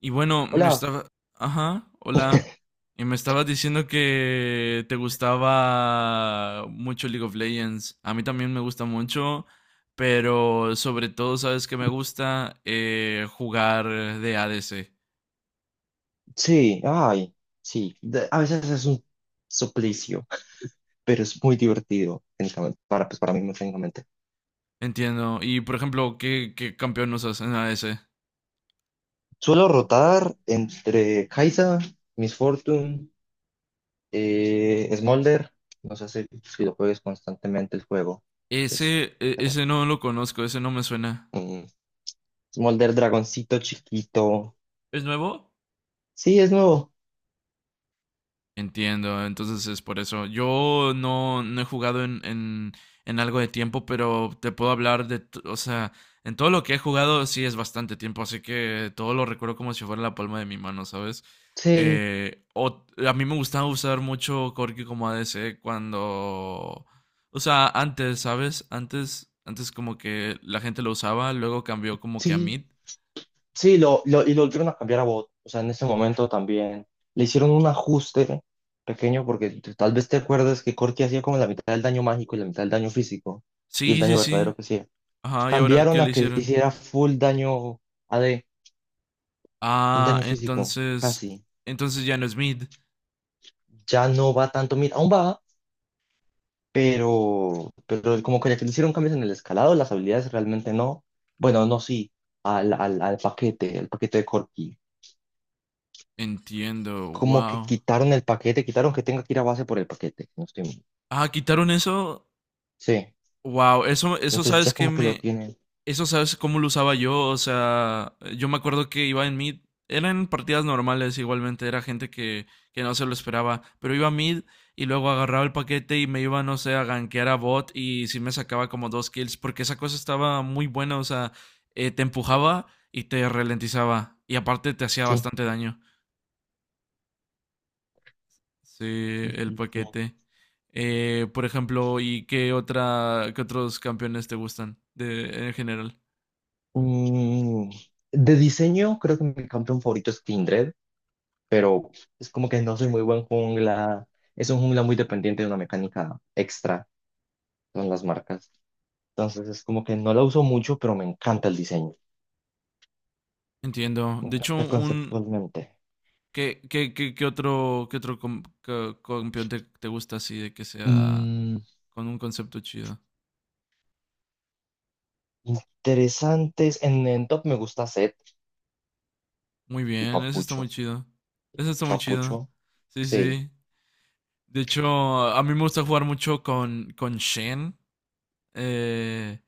Y bueno, Hola, Ajá, hola. Y me estabas diciendo que te gustaba mucho League of Legends. A mí también me gusta mucho, pero sobre todo, ¿sabes que me gusta? Jugar de ADC. sí, ay, sí, a veces es un suplicio, pero es muy divertido, técnicamente, para, pues, para mí, técnicamente. Entiendo. Y por ejemplo, qué campeón usas en ADC? Suelo rotar entre Kai'Sa, Miss Fortune, Smolder, no sé si lo juegues constantemente el juego. Es, espera, Ese no lo conozco, ese no me suena. mm, Smolder, dragoncito chiquito. ¿Es nuevo? Sí, es nuevo, Entiendo, entonces es por eso. Yo no, No he jugado en algo de tiempo, pero te puedo hablar o sea, en todo lo que he jugado sí es bastante tiempo, así que todo lo recuerdo como si fuera la palma de mi mano, ¿sabes? sí, A mí me gustaba usar mucho Corki como ADC cuando, o sea, antes, ¿sabes? Antes como que la gente lo usaba, luego cambió como que a sí, mid. sí, y lo volvieron a cambiar a bot. O sea, en ese momento también le hicieron un ajuste pequeño porque tal vez te acuerdas que Corki hacía como la mitad del daño mágico y la mitad del daño físico y el Sí, daño sí, sí. verdadero que hacía. Ajá, ¿y ahora qué Cambiaron le a que hicieron? hiciera full daño a AD, full Ah, daño físico, entonces, casi. entonces ya no es mid. Ya no va tanto, mira, aún va, pero como que ya que le hicieron cambios en el escalado, las habilidades realmente no. Bueno, no, sí, al paquete, el paquete de Corki. Entiendo, Como que wow. quitaron el paquete, quitaron que tenga que ir a base por el paquete. No estoy mal. Ah, quitaron eso. Sí, Wow, eso entonces ya sabes que como que lo me, tienen. eso sabes cómo lo usaba yo. O sea, yo me acuerdo que iba en mid. Eran partidas normales igualmente, era gente que no se lo esperaba. Pero iba a mid y luego agarraba el paquete y me iba, no sé, a gankear a bot y sí me sacaba como dos kills. Porque esa cosa estaba muy buena, o sea, te empujaba y te ralentizaba. Y aparte te hacía Sí, bastante daño. Sí, sí, el sí, sí. paquete. Por ejemplo, ¿y qué otra, qué otros campeones te gustan de, en general? Mm, de diseño, creo que mi campeón favorito es Kindred, pero es como que no soy muy buen jungla. Es un jungla muy dependiente de una mecánica extra, son las marcas. Entonces es como que no la uso mucho, pero me encanta el diseño. Entiendo. Me De hecho, encanta un conceptualmente. Qué otro, campeón te gusta así de que sea Mm, con un concepto chido? interesantes. En top me gusta Zed, Muy el bien, eso está muy papucho. chido. Eso está muy chido. Papucho, Sí, sí. sí. De hecho, a mí me gusta jugar mucho con Shen. eh,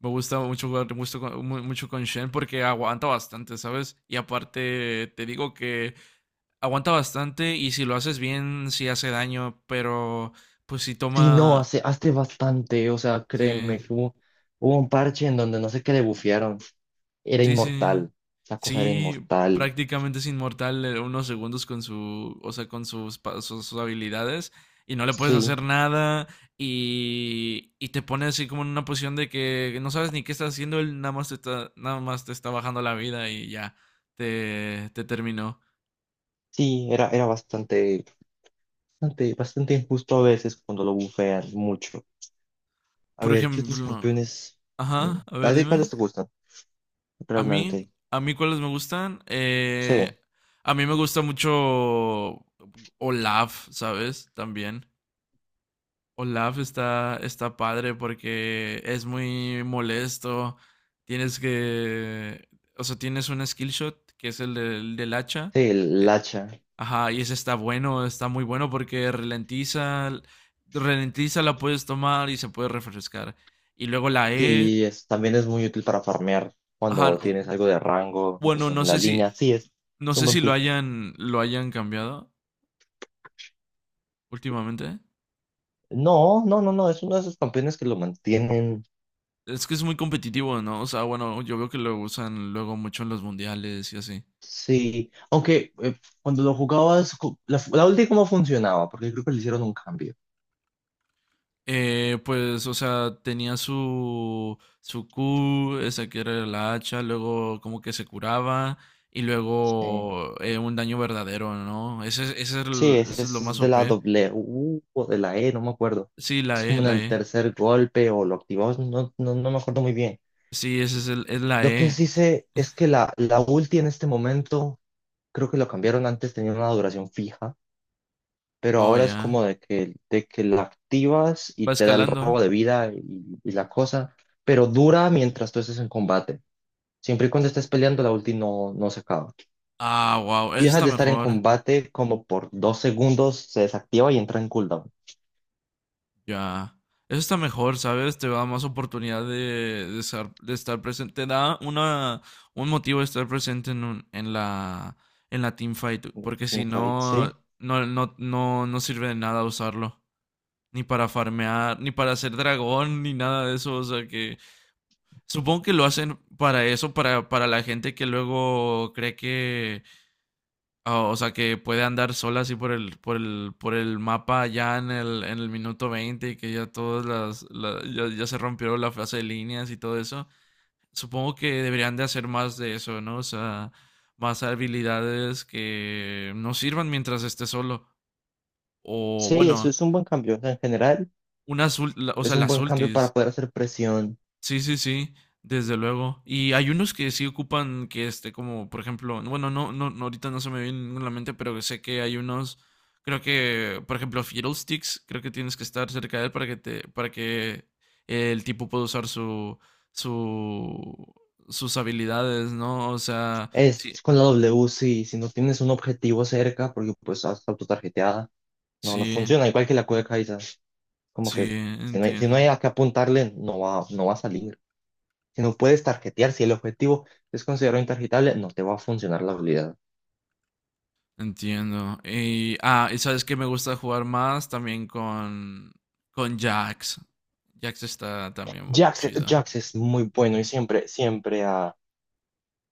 Me gusta mucho jugar mucho mucho con Shen porque aguanta bastante, ¿sabes? Y aparte te digo que aguanta bastante y si lo haces bien, sí hace daño, pero pues si Sí, no, toma... hace bastante, o sea, Sí. créeme, hubo un parche en donde no sé qué le bufearon, era Sí, sí. inmortal, esa cosa era Sí, inmortal, prácticamente es inmortal unos segundos con su, o sea, con sus, pa- sus, sus habilidades y no le puedes sí, hacer nada y te pone así como en una posición de que no sabes ni qué estás haciendo, él nada más te está, nada más te está bajando la vida y ya te terminó. sí, era bastante, bastante, bastante injusto a veces cuando lo bufean mucho. A Por ver, ¿qué otros ejemplo, campeones? Ajá, a ¿A ver, ti dime. cuáles te gustan, ¿A mí, realmente? a mí cuáles me gustan? Sí, A mí me gusta mucho Olaf, ¿sabes? También. Olaf está, está padre porque es muy molesto. Tienes que. O sea, tienes un skill shot que es el del hacha. sí, el Eh, hacha, Ajá, y ese está bueno, está muy bueno porque ralentiza. Ralentiza, la puedes tomar y se puede refrescar. Y luego la E. sí, es, también es muy útil para farmear Ajá, cuando tienes u- algo de rango bueno, no en la sé si. línea, sí, No es un sé buen si lo pick. hayan, lo hayan cambiado últimamente. No, no, no, no, es uno de esos campeones que lo mantienen. Es que es muy competitivo, ¿no? O sea, bueno, yo veo que lo usan luego mucho en los mundiales y así. Sí, aunque cuando lo jugabas, la, la ulti cómo funcionaba, porque creo que le hicieron un cambio. Pues, o sea, tenía su, su Q, esa que era la hacha, luego como que se curaba y Sí, luego un daño verdadero, ¿no? Ese es sí, el- ese ese es lo más es de la OP. doble U o de la E, no me acuerdo. Sí, Es como en la el E. tercer golpe o lo activabas, no, no, no me acuerdo muy bien. Sí, ese es, el, es la Lo que E. sí sé es que la ulti en este momento, creo que lo cambiaron antes, tenía una duración fija. Pero Oh, ahora es ya. como de que la activas y Va te da el escalando. robo de vida y la cosa, pero dura mientras tú estés en combate. Siempre y cuando estés peleando, la ulti no, no se acaba. Ah, wow, Si eso dejas está de estar en mejor. combate, como por dos segundos se desactiva y entra en cooldown. Ya. Eso está mejor, ¿sabes? Te da más oportunidad de estar presente. Te da una, un motivo de estar presente en, un- en la teamfight. Porque si Teamfight, no, sí. no, no, no, no sirve de nada usarlo. Ni para farmear, ni para hacer dragón, ni nada de eso. O sea que supongo que lo hacen para eso, para la gente que luego cree que Oh, o sea, que puede andar sola así por el mapa ya en el minuto 20 y que ya todas las, la- ya, ya se rompió la fase de líneas y todo eso. Supongo que deberían de hacer más de eso, ¿no? O sea, más habilidades que no sirvan mientras esté solo. O Sí, bueno, eso es un buen cambio. O sea, en general, unas, ul- la- o es sea, un las buen cambio ultis. para poder hacer presión. Sí, sí, sí, desde luego. Y hay unos que sí ocupan que este, como por ejemplo, bueno, no, no, no, ahorita no se me viene ninguno a la mente, pero sé que hay unos, creo que, por ejemplo, Fiddlesticks, creo que tienes que estar cerca de él para que te, para que el tipo pueda usar su, su, sus habilidades, ¿no? O sea, sí, Es con la W, sí, si no tienes un objetivo cerca, porque pues estás autotarjeteada, no, no sí, funciona, igual que la cueca. Como sí, que si no hay, si no hay entiendo. a qué apuntarle, no va, no va a salir. Si no puedes tarjetear, si el objetivo es considerado intarjetable, no te va a funcionar la habilidad. Entiendo. Y, ah, y sabes que me gusta jugar más también con Jax. Jax está también Jax, chido. Jax es muy bueno y siempre, siempre, ah,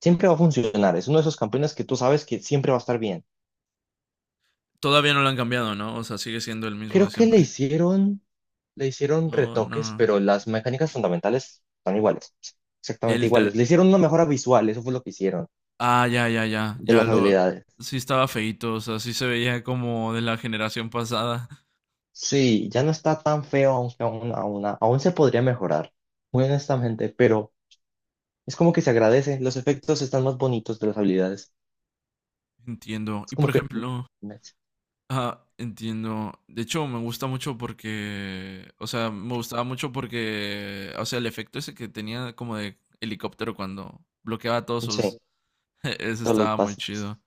siempre va a funcionar. Es uno de esos campeones que tú sabes que siempre va a estar bien. Todavía no lo han cambiado, ¿no? O sea, sigue siendo el mismo de Creo que siempre. Le hicieron Oh, retoques, no. pero las mecánicas fundamentales son iguales. Exactamente El iguales. ter- Le hicieron una mejora visual, eso fue lo que hicieron Ah, ya, ya, ya. de Ya las lo. habilidades. Sí estaba feíto, o sea, sí se veía como de la generación pasada. Sí, ya no está tan feo, aunque aún se podría mejorar, muy honestamente, pero es como que se agradece. Los efectos están más bonitos de las habilidades. Entiendo. Es Y como por que, ejemplo. Ah, entiendo. De hecho, me gusta mucho porque, o sea, me gustaba mucho porque, o sea, el efecto ese que tenía como de helicóptero cuando bloqueaba todos sí, sus, eso todos los estaba muy básicos. chido.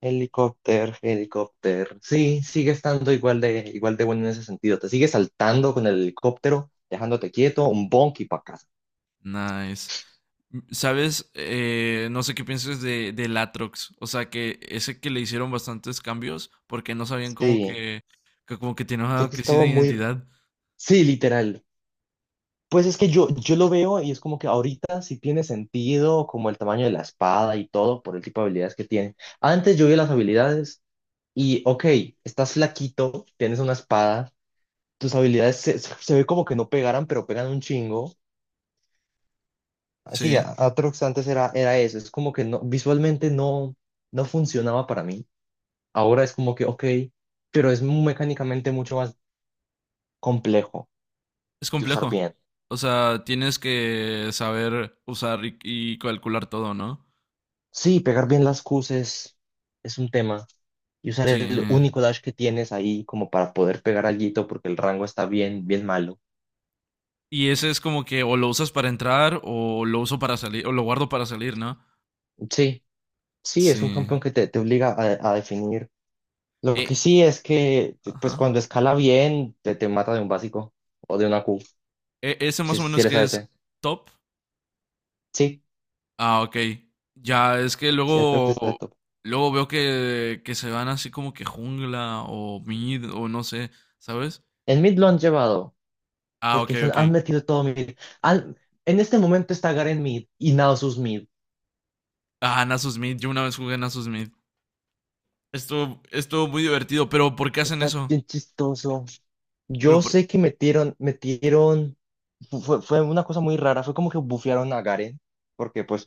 Helicóptero, helicóptero. Sí, sigue estando igual de bueno en ese sentido. Te sigue saltando con el helicóptero, dejándote quieto, un bonk y para casa. Nice. M- ¿Sabes? No sé qué piensas de Latrox. O sea, que ese que le hicieron bastantes cambios porque no sabían como Sí, que como que tenía una porque crisis estaba de muy... identidad. Sí, literal. Pues es que yo lo veo y es como que ahorita sí tiene sentido como el tamaño de la espada y todo por el tipo de habilidades que tiene. Antes yo vi las habilidades y, ok, estás flaquito, tienes una espada, tus habilidades se ve como que no pegaran, pero pegan un chingo. Así, Sí. Aatrox antes era, era eso, es como que no, visualmente no, no funcionaba para mí. Ahora es como que, ok, pero es mecánicamente mucho más complejo Es de usar complejo. bien. O sea, tienes que saber usar y calcular todo, ¿no? Sí, pegar bien las Qs es un tema. Y usar Sí. el único dash que tienes ahí como para poder pegar alguito porque el rango está bien, bien malo. Y ese es como que o lo usas para entrar o lo uso para salir, o lo guardo para salir, ¿no? Sí, sí, es un Sí. campeón que te obliga a definir. Lo que Eh, sí es que, pues ajá. cuando escala bien, te mata de un básico o de una Q, E- ese más o si menos eres que es ADC. top. Sí, Ah, ok. Ya es que sí, Aatrox está de luego, top. luego veo que se van así como que jungla o mid o no sé, ¿sabes? En mid lo han llevado, Ah, ok, porque se han ok. han metido todo mid. Al en este momento está Garen mid y Nasus mid. Ah, Nasus Mid. Yo una vez jugué Nasus Mid. Estuvo, estuvo muy divertido, pero ¿por qué hacen Está eso? bien chistoso. Pero Yo por... sé que fue una cosa muy rara, fue como que bufearon a Garen, porque pues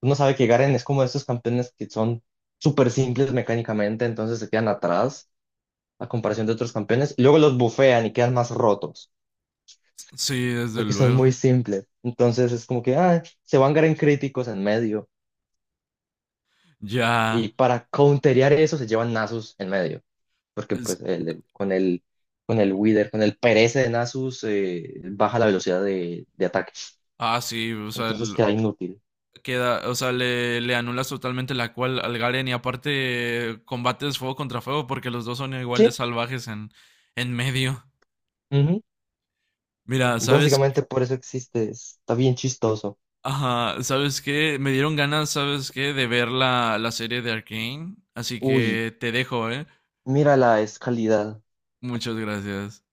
uno sabe que Garen es como de estos campeones que son súper simples mecánicamente, entonces se quedan atrás a comparación de otros campeones, y luego los bufean y quedan más rotos, Sí, desde porque son muy luego. simples. Entonces es como que ah, se van Garen críticos en medio, y Ya. para counterear eso se llevan Nasus en medio. Porque Es- pues con el Wither, con el Perece de Nasus, baja la velocidad de ataque. Ah, sí, o sea, Entonces queda inútil. queda, o sea, le anulas totalmente la cual al Garen y aparte combates fuego contra fuego porque los dos son igual de Sí, salvajes en medio. ujú. Mira, ¿sabes qué? Básicamente por eso existe, está bien chistoso. Ajá, ¿sabes qué? Me dieron ganas, ¿sabes qué? De ver la, la serie de arcane así Uy, que te dejo, ¿eh? mira la escalidad. Muchas gracias.